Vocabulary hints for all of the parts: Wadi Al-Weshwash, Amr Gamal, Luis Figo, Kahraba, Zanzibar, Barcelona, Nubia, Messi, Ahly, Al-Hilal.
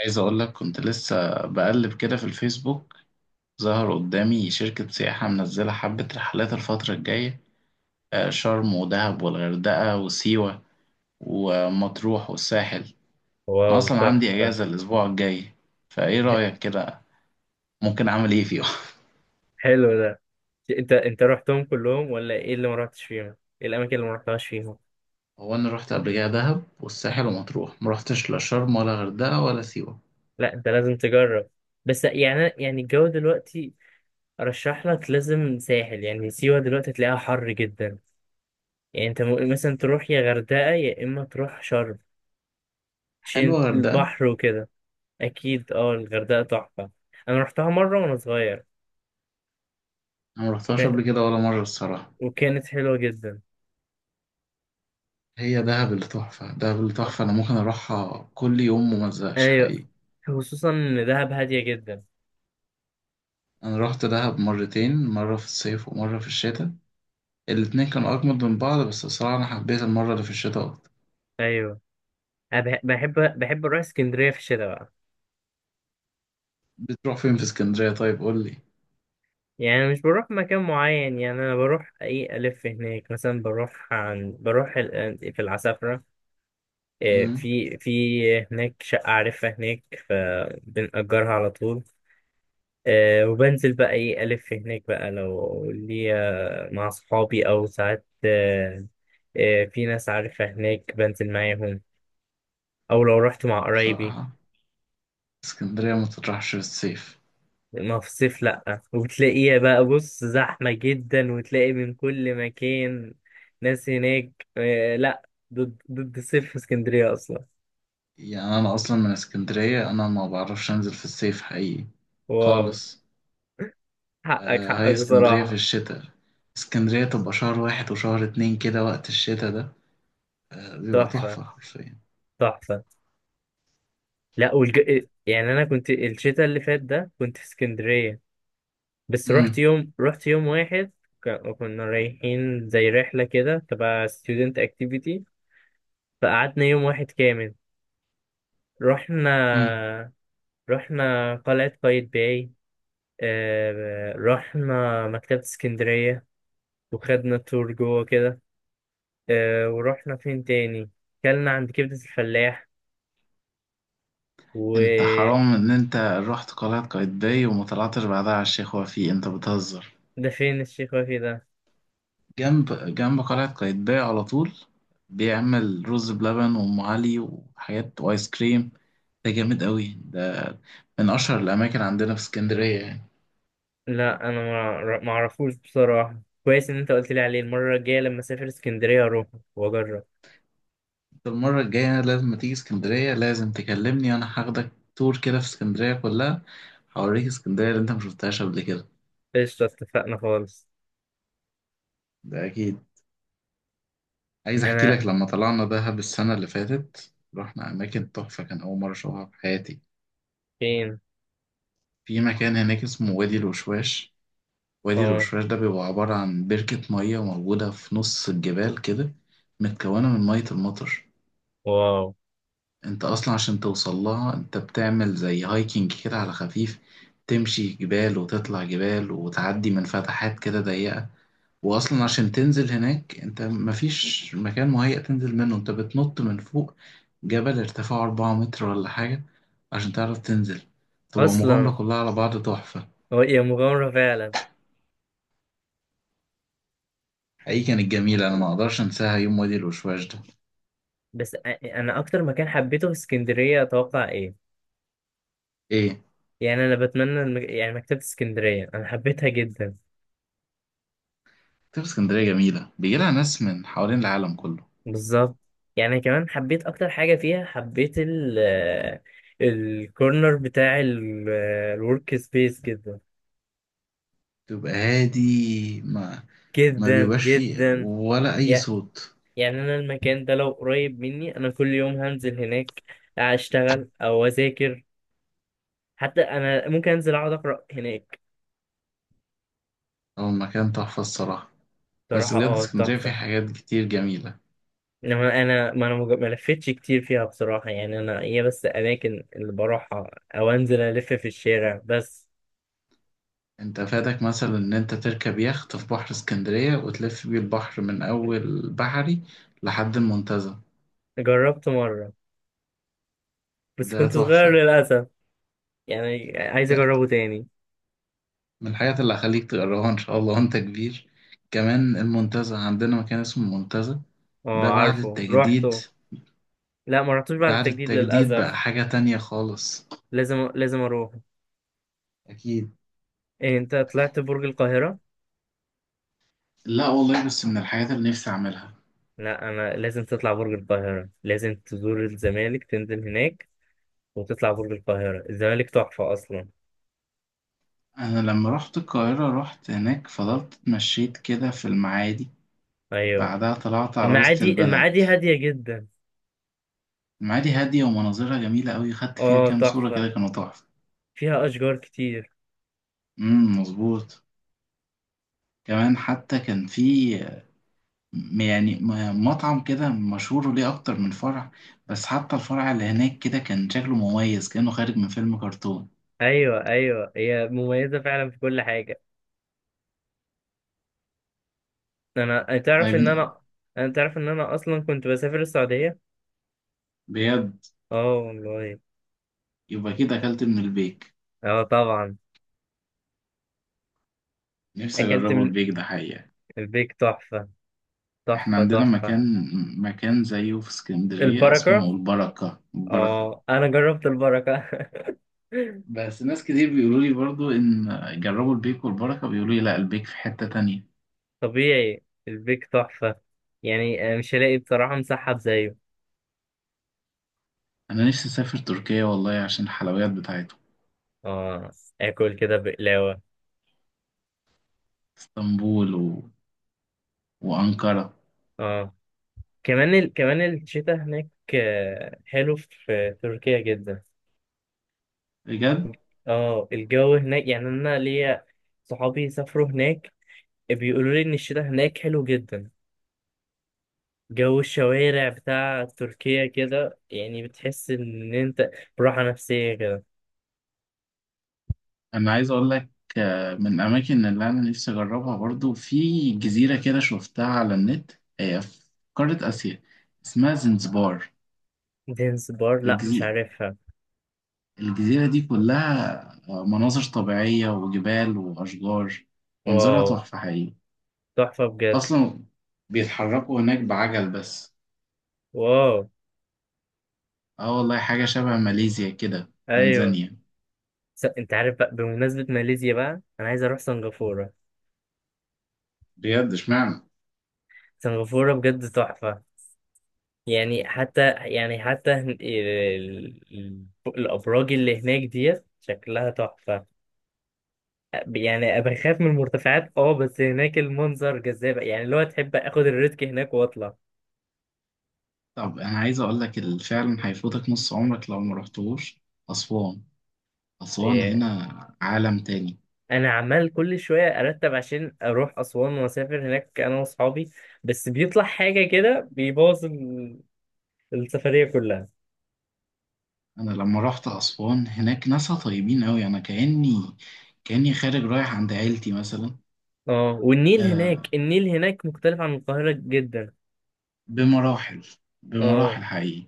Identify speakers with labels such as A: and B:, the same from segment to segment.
A: عايز اقول لك، كنت لسه بقلب كده في الفيسبوك. ظهر قدامي شركة سياحة منزلة حبة رحلات الفترة الجاية. شرم ودهب والغردقة وسيوة ومطروح والساحل. انا
B: واو
A: اصلا عندي
B: تحفة.
A: اجازة الاسبوع الجاي، فايه رأيك كده؟ ممكن اعمل ايه فيهم؟
B: حلو ده. انت رحتهم كلهم ولا ايه اللي ما رحتش فيهم؟ ايه الاماكن اللي ما رحتهاش فيهم؟
A: هو انا رحت قبل كده دهب والساحل ومطروح، مرحتش لا شرم ولا غردقة ولا سيوة.
B: لا انت لازم تجرب. بس يعني الجو دلوقتي ارشح لك لازم ساحل، يعني سيوة دلوقتي تلاقيها حر جدا. يعني انت ممكن مثلا تروح يا غردقة يا اما تروح شرم، عشان
A: حلوة غردقة.
B: البحر وكده. اكيد اه، الغردقة تحفة. انا رحتها مرة وانا صغير.
A: انا مرحتهاش
B: وكا-
A: قبل كده ولا مرة الصراحة.
B: وكانت حلوة جدا.
A: هي دهب اللي تحفة، دهب اللي
B: اه،
A: تحفة. انا ممكن اروحها كل يوم ومزهقش
B: ايوه،
A: حقيقي.
B: خصوصا ان دهب هادية جدا.
A: انا رحت دهب مرتين، مره في الصيف ومره في الشتاء. الاتنين كانوا اجمد من بعض، بس بصراحه انا حبيت المره اللي في الشتاء اكتر.
B: ايوه. أنا بحب، بحب أروح اسكندرية في الشتاء بقى.
A: بتروح فين في اسكندريه؟ طيب قول لي.
B: يعني أنا مش بروح مكان معين، يعني أنا بروح أي ألف هناك. مثلا بروح في العسافرة.
A: امم.
B: في هناك شقة عارفها هناك، فبنأجرها على طول. وبنزل بقى إيه ألف هناك بقى، لو ليا مع صحابي أو ساعات. آه. في ناس عارفها هناك بنزل معاهم، أو لو رحت مع قرايبي.
A: بصراحه اسكندريه ما تطرحش في الصيف.
B: ما في الصيف لأ، وتلاقيها بقى بص زحمة جدا، وتلاقي من كل مكان ناس هناك. آه، لأ. ضد الصيف في اسكندرية أصلا.
A: يعني انا اصلا من اسكندريه، انا ما بعرفش انزل في الصيف حقيقي،
B: واو.
A: خالص.
B: حقك
A: آه،
B: حقك
A: هي اسكندريه في
B: بصراحة.
A: الشتاء، اسكندريه تبقى شهر واحد وشهر اتنين كده، وقت الشتاء ده آه بيبقى
B: تحفة،
A: تحفه حرفيا.
B: تحفة. لأ والج... آه، يعني أنا كنت الشتاء اللي فات ده كنت في اسكندرية، بس رحت
A: امم.
B: يوم، رحت يوم واحد. كنا رايحين زي رحلة كده تبع student activity، فقعدنا يوم واحد كامل. رحنا رحنا قلعة قايتباي، رحنا مكتبة اسكندرية وخدنا تور جوه كده. ورحنا فين تاني؟ كلنا عند كبدة الفلاح
A: انت
B: وده.
A: حرام ان انت رحت قلعة قايتباي وما طلعتش بعدها على الشيخ وفيق؟ انت بتهزر.
B: فين الشيخ وفي ده؟
A: جنب جنب قلعة قايتباي على طول. بيعمل رز بلبن وام علي وحاجات وايس كريم. ده جامد قوي ده، من اشهر الاماكن عندنا في اسكندرية يعني.
B: لا انا ما اعرفوش بصراحة. كويس ان انت قلت لي عليه، المرة الجاية لما اسافر اسكندرية اروح واجرب.
A: انت المرة الجاية لازم ما تيجي اسكندرية لازم تكلمني، انا هاخدك تور كده في اسكندرية كلها. هوريك اسكندرية اللي انت مشفتهاش قبل كده.
B: قشطة، اتفقنا خالص.
A: ده اكيد. عايز احكي
B: انا؟
A: لك لما طلعنا دهب السنة اللي فاتت رحنا اماكن تحفة، كان اول مرة اشوفها في حياتي.
B: فين؟
A: في مكان هناك اسمه وادي الوشواش. وادي
B: اه.
A: الوشواش ده بيبقى عبارة عن بركة مية موجودة في نص الجبال كده، متكونة من مية المطر.
B: واو.
A: انت اصلا عشان توصل لها انت بتعمل زي هايكنج كده على خفيف، تمشي جبال وتطلع جبال وتعدي من فتحات كده ضيقة. واصلا عشان تنزل هناك انت مفيش مكان مهيأ تنزل منه، انت بتنط من فوق جبل ارتفاعه 4 متر ولا حاجة عشان تعرف تنزل. تبقى مغامرة
B: اصلا
A: كلها على بعض تحفة.
B: هي مغامرة فعلا.
A: حقيقي كانت جميلة، انا ما اقدرش انساها يوم وادي الوشواش ده.
B: بس أ- انا اكتر مكان حبيته في اسكندرية اتوقع إيه؟
A: ايه؟
B: يعني انا بتمنى يعني مكتبة اسكندرية انا حبيتها جدا.
A: تبقى اسكندرية جميلة، بيجيلها ناس من حوالين العالم كله.
B: بالظبط. يعني كمان حبيت اكتر حاجة فيها، حبيت الكورنر بتاع الورك سبيس جدا،
A: تبقى هادي، ما
B: جدا
A: بيبقاش فيه
B: جدا.
A: ولا اي
B: يع-
A: صوت.
B: يعني انا المكان ده لو قريب مني انا كل يوم هنزل هناك اشتغل او اذاكر، حتى انا ممكن انزل اقعد اقرا هناك.
A: هو المكان تحفة الصراحة. بس
B: بصراحة
A: بجد
B: اه،
A: اسكندرية فيه
B: تحفة.
A: حاجات كتير جميلة.
B: انما انا ما انا مج- ما لفتش كتير فيها بصراحه. يعني انا هي بس اماكن اللي بروحها او انزل الف في الشارع بس.
A: انت فاتك مثلا ان انت تركب يخت في بحر اسكندرية وتلف بيه البحر من اول بحري لحد المنتزه.
B: جربت مره بس
A: ده
B: كنت صغير
A: تحفة.
B: للاسف. يعني عايز
A: لا،
B: اجربه تاني.
A: من الحاجات اللي هخليك تجربها ان شاء الله وانت كبير. كمان المنتزه، عندنا مكان اسمه المنتزه،
B: اه
A: ده بعد
B: عارفه،
A: التجديد.
B: روحته. لا ما رحتوش بعد
A: بعد
B: التجديد
A: التجديد بقى
B: للاسف.
A: حاجة تانية خالص.
B: لازم لازم اروح.
A: اكيد.
B: إيه انت طلعت برج القاهره؟
A: لا والله، بس من الحاجات اللي نفسي اعملها.
B: لا انا، لازم تطلع برج القاهره، لازم تزور الزمالك تنزل هناك وتطلع برج القاهره. الزمالك تحفه اصلا.
A: انا لما رحت القاهرة رحت هناك، فضلت اتمشيت كده في المعادي،
B: ايوه.
A: بعدها طلعت على وسط
B: المعادي،
A: البلد.
B: المعادي هاديه جدا.
A: المعادي هادية ومناظرها جميلة أوي، خدت فيها
B: اه
A: كام صورة
B: تحفة،
A: كده كانوا تحفة.
B: فيها أشجار كتير.
A: امم، مظبوط. كمان حتى كان في مطعم كده مشهور ليه أكتر من فرع، بس حتى الفرع اللي هناك كده كان شكله مميز كأنه خارج من فيلم كرتون.
B: أيوة أيوة، هي مميزة فعلا في كل حاجة. أنا تعرف إن
A: طيب.
B: أنا أنا تعرف إن أنا أصلا كنت بسافر السعودية.
A: بجد؟
B: اه والله.
A: يبقى كده أكلت من البيك.
B: اه طبعا.
A: نفسي
B: أكلت
A: أجربه
B: من.
A: البيك ده حقيقة.
B: البيك تحفة،
A: إحنا
B: تحفة
A: عندنا
B: تحفة.
A: مكان زيه في اسكندرية
B: البركة.
A: اسمه البركة، البركة.
B: اه أنا جربت البركة.
A: بس ناس كتير بيقولوا لي برضو إن جربوا البيك والبركة، بيقولوا لي لا، البيك في حتة تانية.
B: طبيعي. البيك تحفة، يعني مش هلاقي بصراحة مسحب زيه.
A: انا نفسي اسافر تركيا والله عشان الحلويات بتاعتهم.
B: اه، آكل كده بقلاوة.
A: اسطنبول وانقرة.
B: اه. كمان الشتاء هناك، حلو في تركيا جدا.
A: بجد.
B: اه الجو هناك. يعني انا ليا صحابي سافروا هناك، بيقولوا لي ان الشتاء هناك حلو جدا. جو الشوارع بتاع تركيا كده، يعني بتحس ان انت براحة نفسية كده.
A: انا عايز اقول لك، من الاماكن اللي انا نفسي اجربها برضو في جزيرة كده شفتها على النت. هي في قارة اسيا، اسمها زنزبار.
B: دينس بار؟ لا مش
A: الجزي...
B: عارفها.
A: الجزيرة دي كلها مناظر طبيعية وجبال واشجار. منظرها
B: واو،
A: تحفة حقيقي.
B: تحفة بجد.
A: اصلا بيتحركوا هناك بعجل بس.
B: واو.
A: اه والله، حاجة شبه ماليزيا كده،
B: ايوه.
A: تنزانيا.
B: انت عارف بقى، بمناسبة ماليزيا بقى انا عايز اروح سنغافورة.
A: بجد؟ اشمعنى؟
B: سنغافورة بجد تحفة. يعني حتى، يعني حتى الأبراج اللي هناك ديت شكلها تحفة. يعني بخاف من المرتفعات اه، بس هناك المنظر جذاب، يعني اللي هو تحب اخد الريسك هناك واطلع.
A: طب انا عايز اقول لك اللي فعلا هيفوتك نص عمرك لو ما رحتوش، اسوان. اسوان
B: إيه.
A: هنا عالم تاني.
B: انا عمال كل شوية ارتب عشان اروح اسوان واسافر هناك انا واصحابي، بس بيطلع حاجة كده بيبوظ السفرية كلها.
A: انا لما رحت اسوان هناك ناسها طيبين قوي، انا كاني خارج رايح عند عيلتي مثلا.
B: اه، والنيل هناك،
A: آه،
B: النيل هناك مختلف عن القاهرة جدا.
A: بمراحل،
B: اه.
A: بمراحل حقيقي.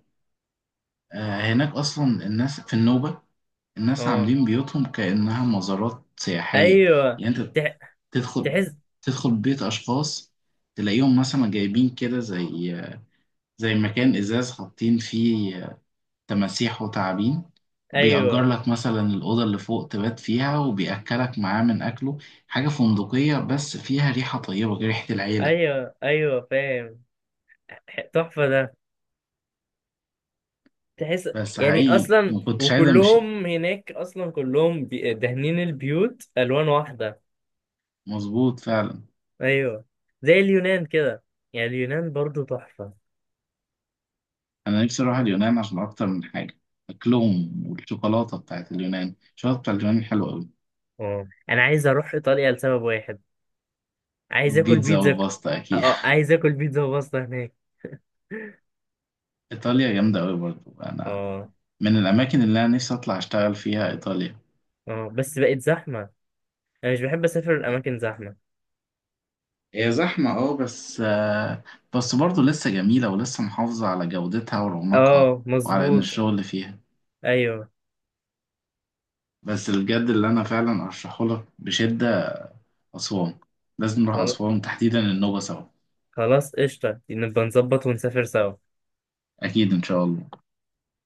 A: آه، هناك اصلا الناس في النوبة، الناس
B: اه.
A: عاملين بيوتهم كأنها مزارات سياحية.
B: ايوه.
A: يعني انت
B: تح-
A: تدخل
B: تحس.
A: تدخل بيت اشخاص، تلاقيهم مثلا جايبين كده زي مكان ازاز حاطين فيه تماسيح وتعابين. بيأجر
B: ايوه
A: لك مثلا الأوضة اللي فوق تبات فيها وبيأكلك معاه من أكله. حاجة فندقية بس فيها ريحة طيبة، ريحة العيلة.
B: ايوه ايوه فاهم. تحفه ده، تحس.
A: بس
B: يعني
A: حقيقي
B: اصلا
A: ما كنتش عايز أمشي.
B: وكلهم هناك اصلا كلهم دهنين البيوت الوان واحده.
A: مظبوط فعلا.
B: ايوه، زي اليونان كده. يعني اليونان برضو تحفه.
A: أنا نفسي أروح اليونان عشان أكتر من حاجة. أكلهم والشوكولاتة بتاعت اليونان، الشوكولاتة بتاعت اليونان حلوة أوي.
B: اه، انا عايز اروح ايطاليا لسبب واحد، عايز اكل
A: البيتزا
B: بيتزا.
A: والباستا أكيد.
B: اه عايز اكل بيتزا وباستا هناك.
A: إيطاليا جامدة أوي برضو. أنا
B: اه.
A: من الأماكن اللي أنا نفسي أطلع أشتغل فيها إيطاليا.
B: اه بس بقت زحمه، انا مش بحب اسافر الاماكن زحمه.
A: هي زحمة اه، بس بس برضه لسه جميلة ولسه محافظة على جودتها ورونقها،
B: اه
A: وعلى إن
B: مظبوط.
A: الشغل فيها.
B: ايوه.
A: بس الجد اللي أنا فعلا أرشحهولك بشدة، أسوان. لازم نروح
B: خل-
A: أسوان تحديدا، النوبة سوا.
B: خلاص قشطه، نبقى نظبط ونسافر سوا.
A: أكيد إن شاء الله.